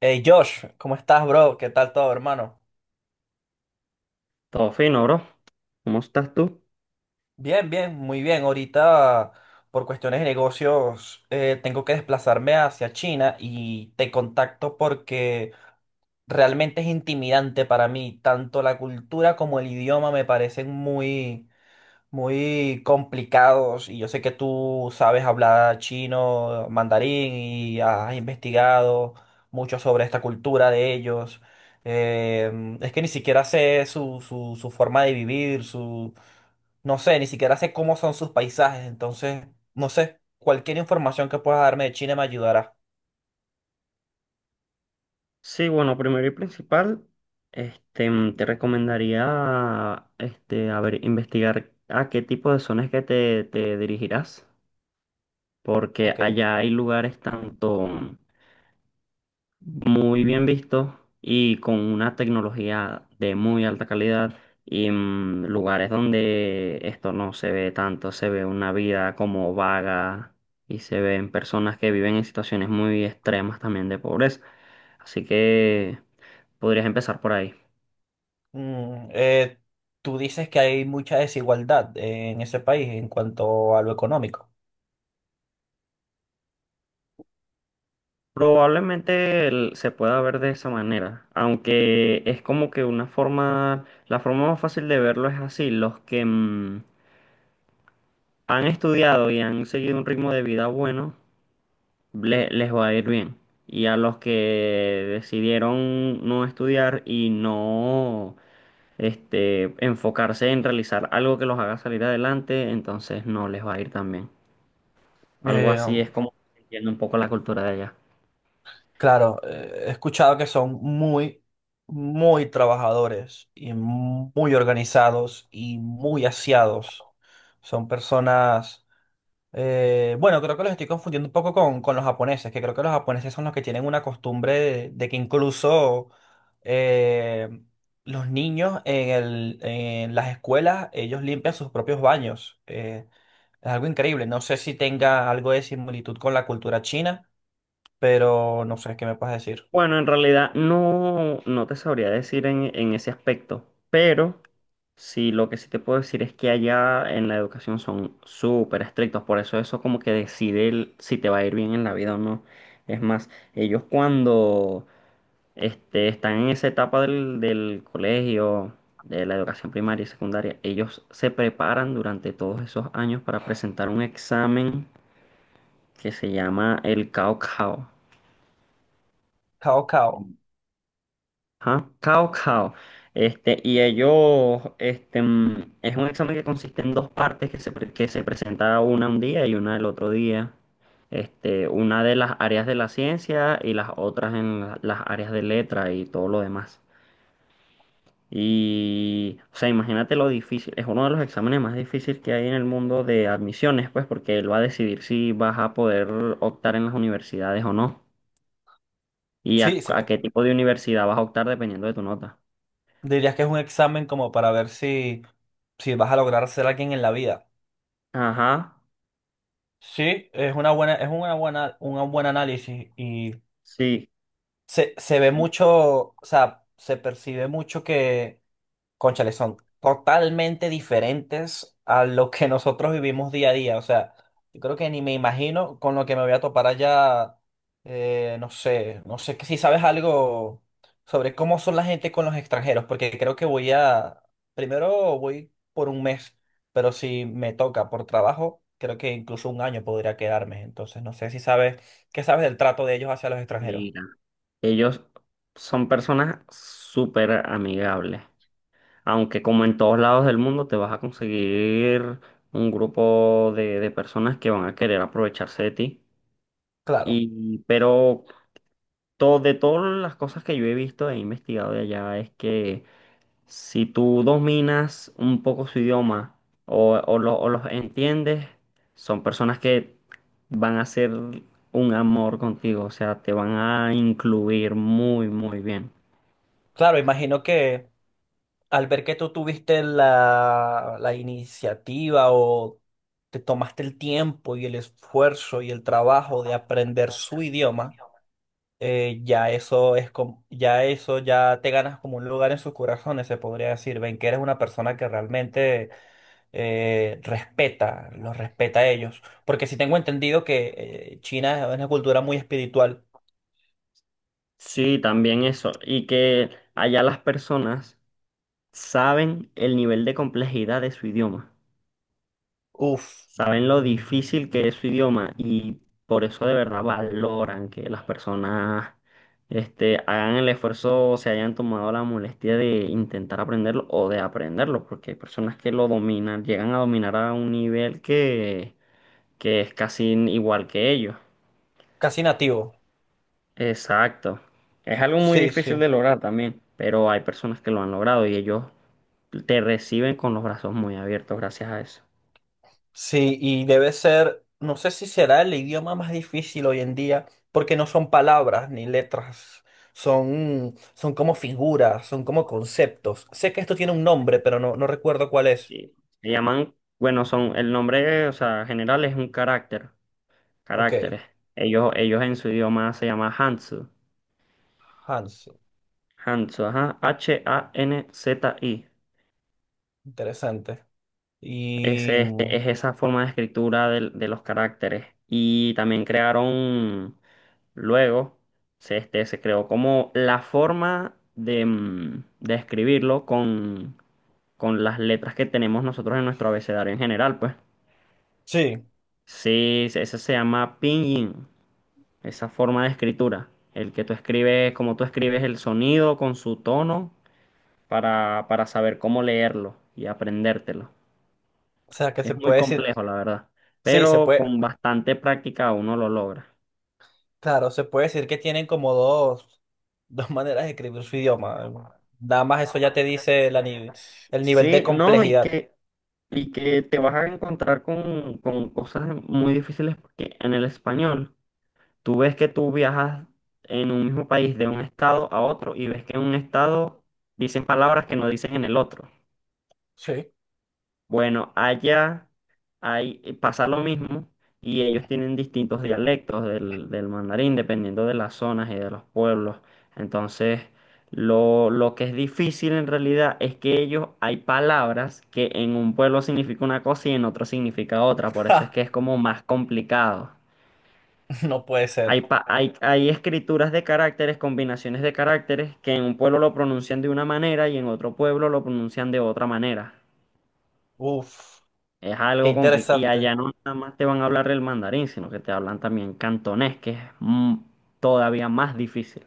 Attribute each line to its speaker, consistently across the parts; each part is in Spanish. Speaker 1: Hey Josh, ¿cómo estás, bro? ¿Qué tal todo, hermano?
Speaker 2: Todo fino, bro. ¿Cómo estás tú?
Speaker 1: Bien, bien, muy bien. Ahorita, por cuestiones de negocios, tengo que desplazarme hacia China y te contacto porque realmente es intimidante para mí. Tanto la cultura como el idioma me parecen muy, muy complicados, y yo sé que tú sabes hablar chino, mandarín, y has investigado mucho sobre esta cultura de ellos. Es que ni siquiera sé su forma de vivir, no sé, ni siquiera sé cómo son sus paisajes. Entonces, no sé, cualquier información que puedas darme de China me ayudará.
Speaker 2: Sí, bueno, primero y principal, te recomendaría, a ver, investigar a qué tipo de zonas que te dirigirás, porque
Speaker 1: Ok.
Speaker 2: allá hay lugares tanto, muy bien visto y con una tecnología de muy alta calidad y lugares donde esto no se ve tanto, se ve una vida como vaga y se ven personas que viven en situaciones muy extremas también de pobreza. Así que podrías empezar por ahí.
Speaker 1: Mm, eh, Tú dices que hay mucha desigualdad en ese país en cuanto a lo económico.
Speaker 2: Probablemente se pueda ver de esa manera, aunque es como que una forma, la forma más fácil de verlo es así, los que han estudiado y han seguido un ritmo de vida bueno, les va a ir bien. Y a los que decidieron no estudiar y no enfocarse en realizar algo que los haga salir adelante, entonces no les va a ir tan bien. Algo así es como entiendo un poco la cultura de allá.
Speaker 1: Claro, he escuchado que son muy, muy trabajadores y muy organizados y muy aseados. Son personas, bueno, creo que los estoy confundiendo un poco con, los japoneses, que creo que los japoneses son los que tienen una costumbre de que incluso eh, los niños en las escuelas, ellos limpian sus propios baños. Es algo increíble. No sé si tenga algo de similitud con la cultura china, pero no sé qué me puedes decir.
Speaker 2: Bueno, en realidad no te sabría decir en ese aspecto, pero sí lo que sí te puedo decir es que allá en la educación son súper estrictos, por eso como que decide si te va a ir bien en la vida o no. Es más, ellos cuando están en esa etapa del colegio, de la educación primaria y secundaria, ellos se preparan durante todos esos años para presentar un examen que se llama el Cao Cao.
Speaker 1: Cao Cao.
Speaker 2: Ajá, Cao Cao. Y ellos, es un examen que consiste en dos partes que que se presenta una un día y una el otro día. Una de las áreas de la ciencia y las otras en las áreas de letra y todo lo demás. Y, o sea, imagínate lo difícil. Es uno de los exámenes más difíciles que hay en el mundo de admisiones, pues, porque él va a decidir si vas a poder optar en las universidades o no. Y
Speaker 1: Sí,
Speaker 2: a
Speaker 1: sí,
Speaker 2: a qué tipo de universidad vas a optar dependiendo de tu nota.
Speaker 1: dirías que es un examen como para ver si vas a lograr ser alguien en la vida.
Speaker 2: Ajá.
Speaker 1: Sí, es una buena, un buen análisis, y
Speaker 2: Sí,
Speaker 1: se ve
Speaker 2: y
Speaker 1: mucho, o sea, se percibe mucho. Cónchale, son totalmente diferentes a lo que nosotros vivimos día a día. O sea, yo creo que ni me imagino con lo que me voy a topar allá. No sé, que si sabes algo sobre cómo son la gente con los extranjeros, porque creo que primero voy por un mes, pero si me toca por trabajo, creo que incluso un año podría quedarme. Entonces, no sé si sabes, ¿qué sabes del trato de ellos hacia los extranjeros?
Speaker 2: mira, ellos son personas súper amigables, aunque como en todos lados del mundo te vas a conseguir un grupo de personas que van a querer aprovecharse de ti.
Speaker 1: Claro,
Speaker 2: Pero todo, de todas las cosas que yo he visto e investigado de allá es que si tú dominas un poco su idioma o o los entiendes, son personas que van a ser un amor contigo, o sea, te van a incluir muy, muy bien.
Speaker 1: claro, imagino que al ver que tú tuviste la iniciativa, o te tomaste el tiempo y el esfuerzo y el trabajo de aprender su idioma, ya eso ya te ganas como un lugar en sus corazones, se podría decir. Ven que eres una persona que realmente los respeta a ellos. Porque si tengo entendido que China es una cultura muy espiritual.
Speaker 2: Sí, también eso. Y que allá las personas saben el nivel de complejidad de su idioma.
Speaker 1: Uf,
Speaker 2: Saben lo difícil que es su idioma y por eso de verdad valoran que las personas hagan el esfuerzo, o se hayan tomado la molestia de intentar aprenderlo o de aprenderlo, porque hay personas que lo dominan, llegan a dominar a un nivel que es casi igual que ellos.
Speaker 1: casi nativo.
Speaker 2: Exacto. Es algo muy
Speaker 1: Sí,
Speaker 2: difícil
Speaker 1: sí.
Speaker 2: de lograr también, pero hay personas que lo han logrado y ellos te reciben con los brazos muy abiertos gracias a eso.
Speaker 1: Sí, y debe ser, no sé si será el idioma más difícil hoy en día, porque no son palabras ni letras, son como figuras, son como conceptos. Sé que esto tiene un nombre, pero no recuerdo cuál es.
Speaker 2: Sí. Le llaman, bueno, son, el nombre, o sea, general es un carácter,
Speaker 1: Ok,
Speaker 2: caracteres. Ellos en su idioma se llama Hanzu.
Speaker 1: Hans,
Speaker 2: Hanzu, ajá, HANZI.
Speaker 1: interesante. Y
Speaker 2: Ese,
Speaker 1: mm,
Speaker 2: este, es esa forma de escritura de, los caracteres. Y también crearon, luego, se creó como la forma de, de escribirlo con las letras que tenemos nosotros en nuestro abecedario en general, pues.
Speaker 1: sí,
Speaker 2: Sí, ese se llama Pinyin. Esa forma de escritura, el que tú escribes, como tú escribes el sonido con su tono para saber cómo leerlo y aprendértelo.
Speaker 1: o sea que
Speaker 2: Es
Speaker 1: se
Speaker 2: muy
Speaker 1: puede decir,
Speaker 2: complejo, la verdad,
Speaker 1: sí, se
Speaker 2: pero
Speaker 1: puede,
Speaker 2: con bastante práctica uno lo logra.
Speaker 1: claro, se puede decir que tienen como dos dos maneras de escribir su idioma. Nada más eso ya te dice la, ni- el nivel de
Speaker 2: Sí, no,
Speaker 1: complejidad.
Speaker 2: y que te vas a encontrar con cosas muy difíciles porque en el español tú ves que tú viajas en un mismo país de un estado a otro y ves que en un estado dicen palabras que no dicen en el otro.
Speaker 1: Sí.
Speaker 2: Bueno, allá hay, pasa lo mismo y ellos tienen distintos dialectos del mandarín dependiendo de las zonas y de los pueblos. Entonces, lo que es difícil en realidad es que ellos hay palabras que en un pueblo significa una cosa y en otro significa otra. Por eso es que es como más complicado.
Speaker 1: No puede ser.
Speaker 2: Hay, hay escrituras de caracteres, combinaciones de caracteres que en un pueblo lo pronuncian de una manera y en otro pueblo lo pronuncian de otra manera.
Speaker 1: Uf,
Speaker 2: Es
Speaker 1: qué
Speaker 2: algo complicado. Y
Speaker 1: interesante.
Speaker 2: allá no nada más te van a hablar el mandarín, sino que te hablan también cantonés, que es todavía más difícil.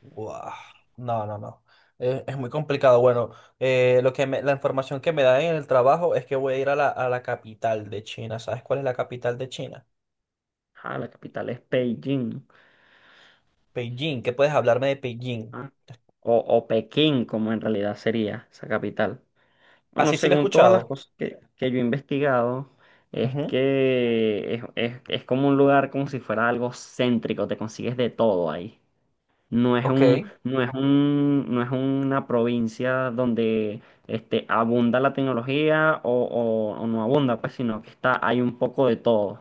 Speaker 1: Guau. No, no, no. Es muy complicado. Bueno, la información que me dan en el trabajo es que voy a ir a la capital de China. ¿Sabes cuál es la capital de China?
Speaker 2: Ah, la capital es Beijing, ¿no?
Speaker 1: Beijing. ¿Qué puedes hablarme de Beijing?
Speaker 2: ¿Ah? O Pekín, como en realidad sería esa capital. Bueno,
Speaker 1: Así sí, sí lo he
Speaker 2: según todas las
Speaker 1: escuchado.
Speaker 2: cosas que yo he investigado, es
Speaker 1: Ujú.
Speaker 2: que es como un lugar como si fuera algo céntrico, te consigues de todo ahí.
Speaker 1: Ok,
Speaker 2: No es una provincia donde abunda la tecnología o no abunda, pues, sino que está, hay un poco de todo.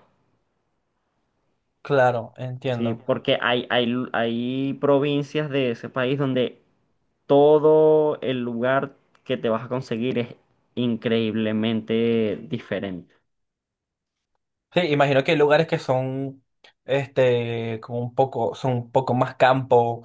Speaker 1: claro,
Speaker 2: Sí,
Speaker 1: entiendo.
Speaker 2: porque hay provincias de ese país donde todo el lugar que te vas a conseguir es increíblemente diferente.
Speaker 1: Sí, imagino que hay lugares que son, este, como un poco, son un poco más campo,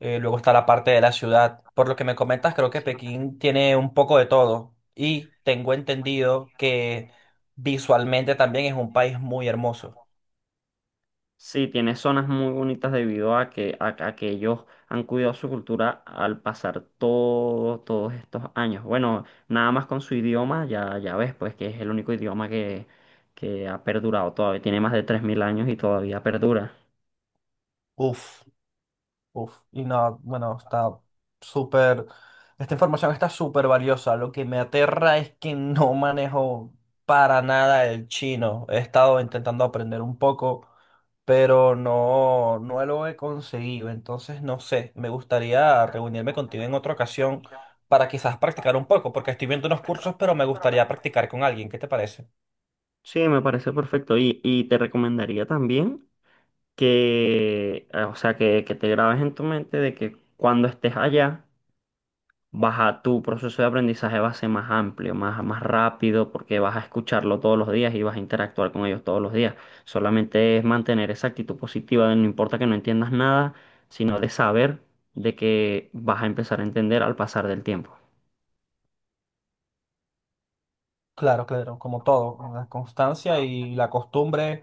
Speaker 1: luego está la parte de la ciudad. Por lo que me comentas, creo que
Speaker 2: Sí.
Speaker 1: Pekín tiene un poco de todo, y tengo entendido que visualmente también es un país muy hermoso.
Speaker 2: Sí, tiene zonas muy bonitas debido a a que ellos han cuidado su cultura al pasar todos estos años. Bueno, nada más con su idioma, ya, ya ves, pues que es el único idioma que ha perdurado todavía. Tiene más de 3000 años y todavía perdura.
Speaker 1: Uf. Uf, y no, bueno, está súper, esta información está súper valiosa. Lo que me aterra es que no manejo para nada el chino. He estado intentando aprender un poco, pero no lo he conseguido. Entonces, no sé, me gustaría reunirme contigo en otra ocasión para quizás practicar un poco, porque estoy viendo unos cursos, pero me gustaría practicar con alguien. ¿Qué te parece?
Speaker 2: Sí, me parece perfecto. Y te recomendaría también o sea, que te grabes en tu mente de que cuando estés allá, tu proceso de aprendizaje va a ser más amplio, más rápido, porque vas a escucharlo todos los días y vas a interactuar con ellos todos los días. Solamente es mantener esa actitud positiva de no importa que no entiendas nada, sino de saber de que vas a empezar a entender al pasar del tiempo.
Speaker 1: Claro, claro, como todo, ¿no? La constancia y la costumbre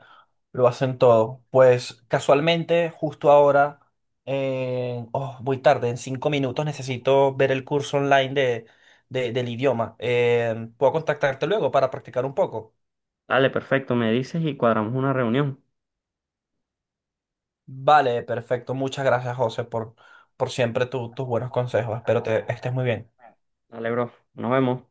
Speaker 1: lo hacen todo. Pues casualmente, justo ahora, oh, voy tarde, en 5 minutos necesito ver el curso online del idioma. ¿Puedo contactarte luego para practicar un poco?
Speaker 2: Dale, perfecto, me dices y cuadramos una reunión.
Speaker 1: Vale, perfecto. Muchas gracias, José, por, siempre tus buenos consejos. Espero te estés muy bien.
Speaker 2: Dale, bro, nos vemos.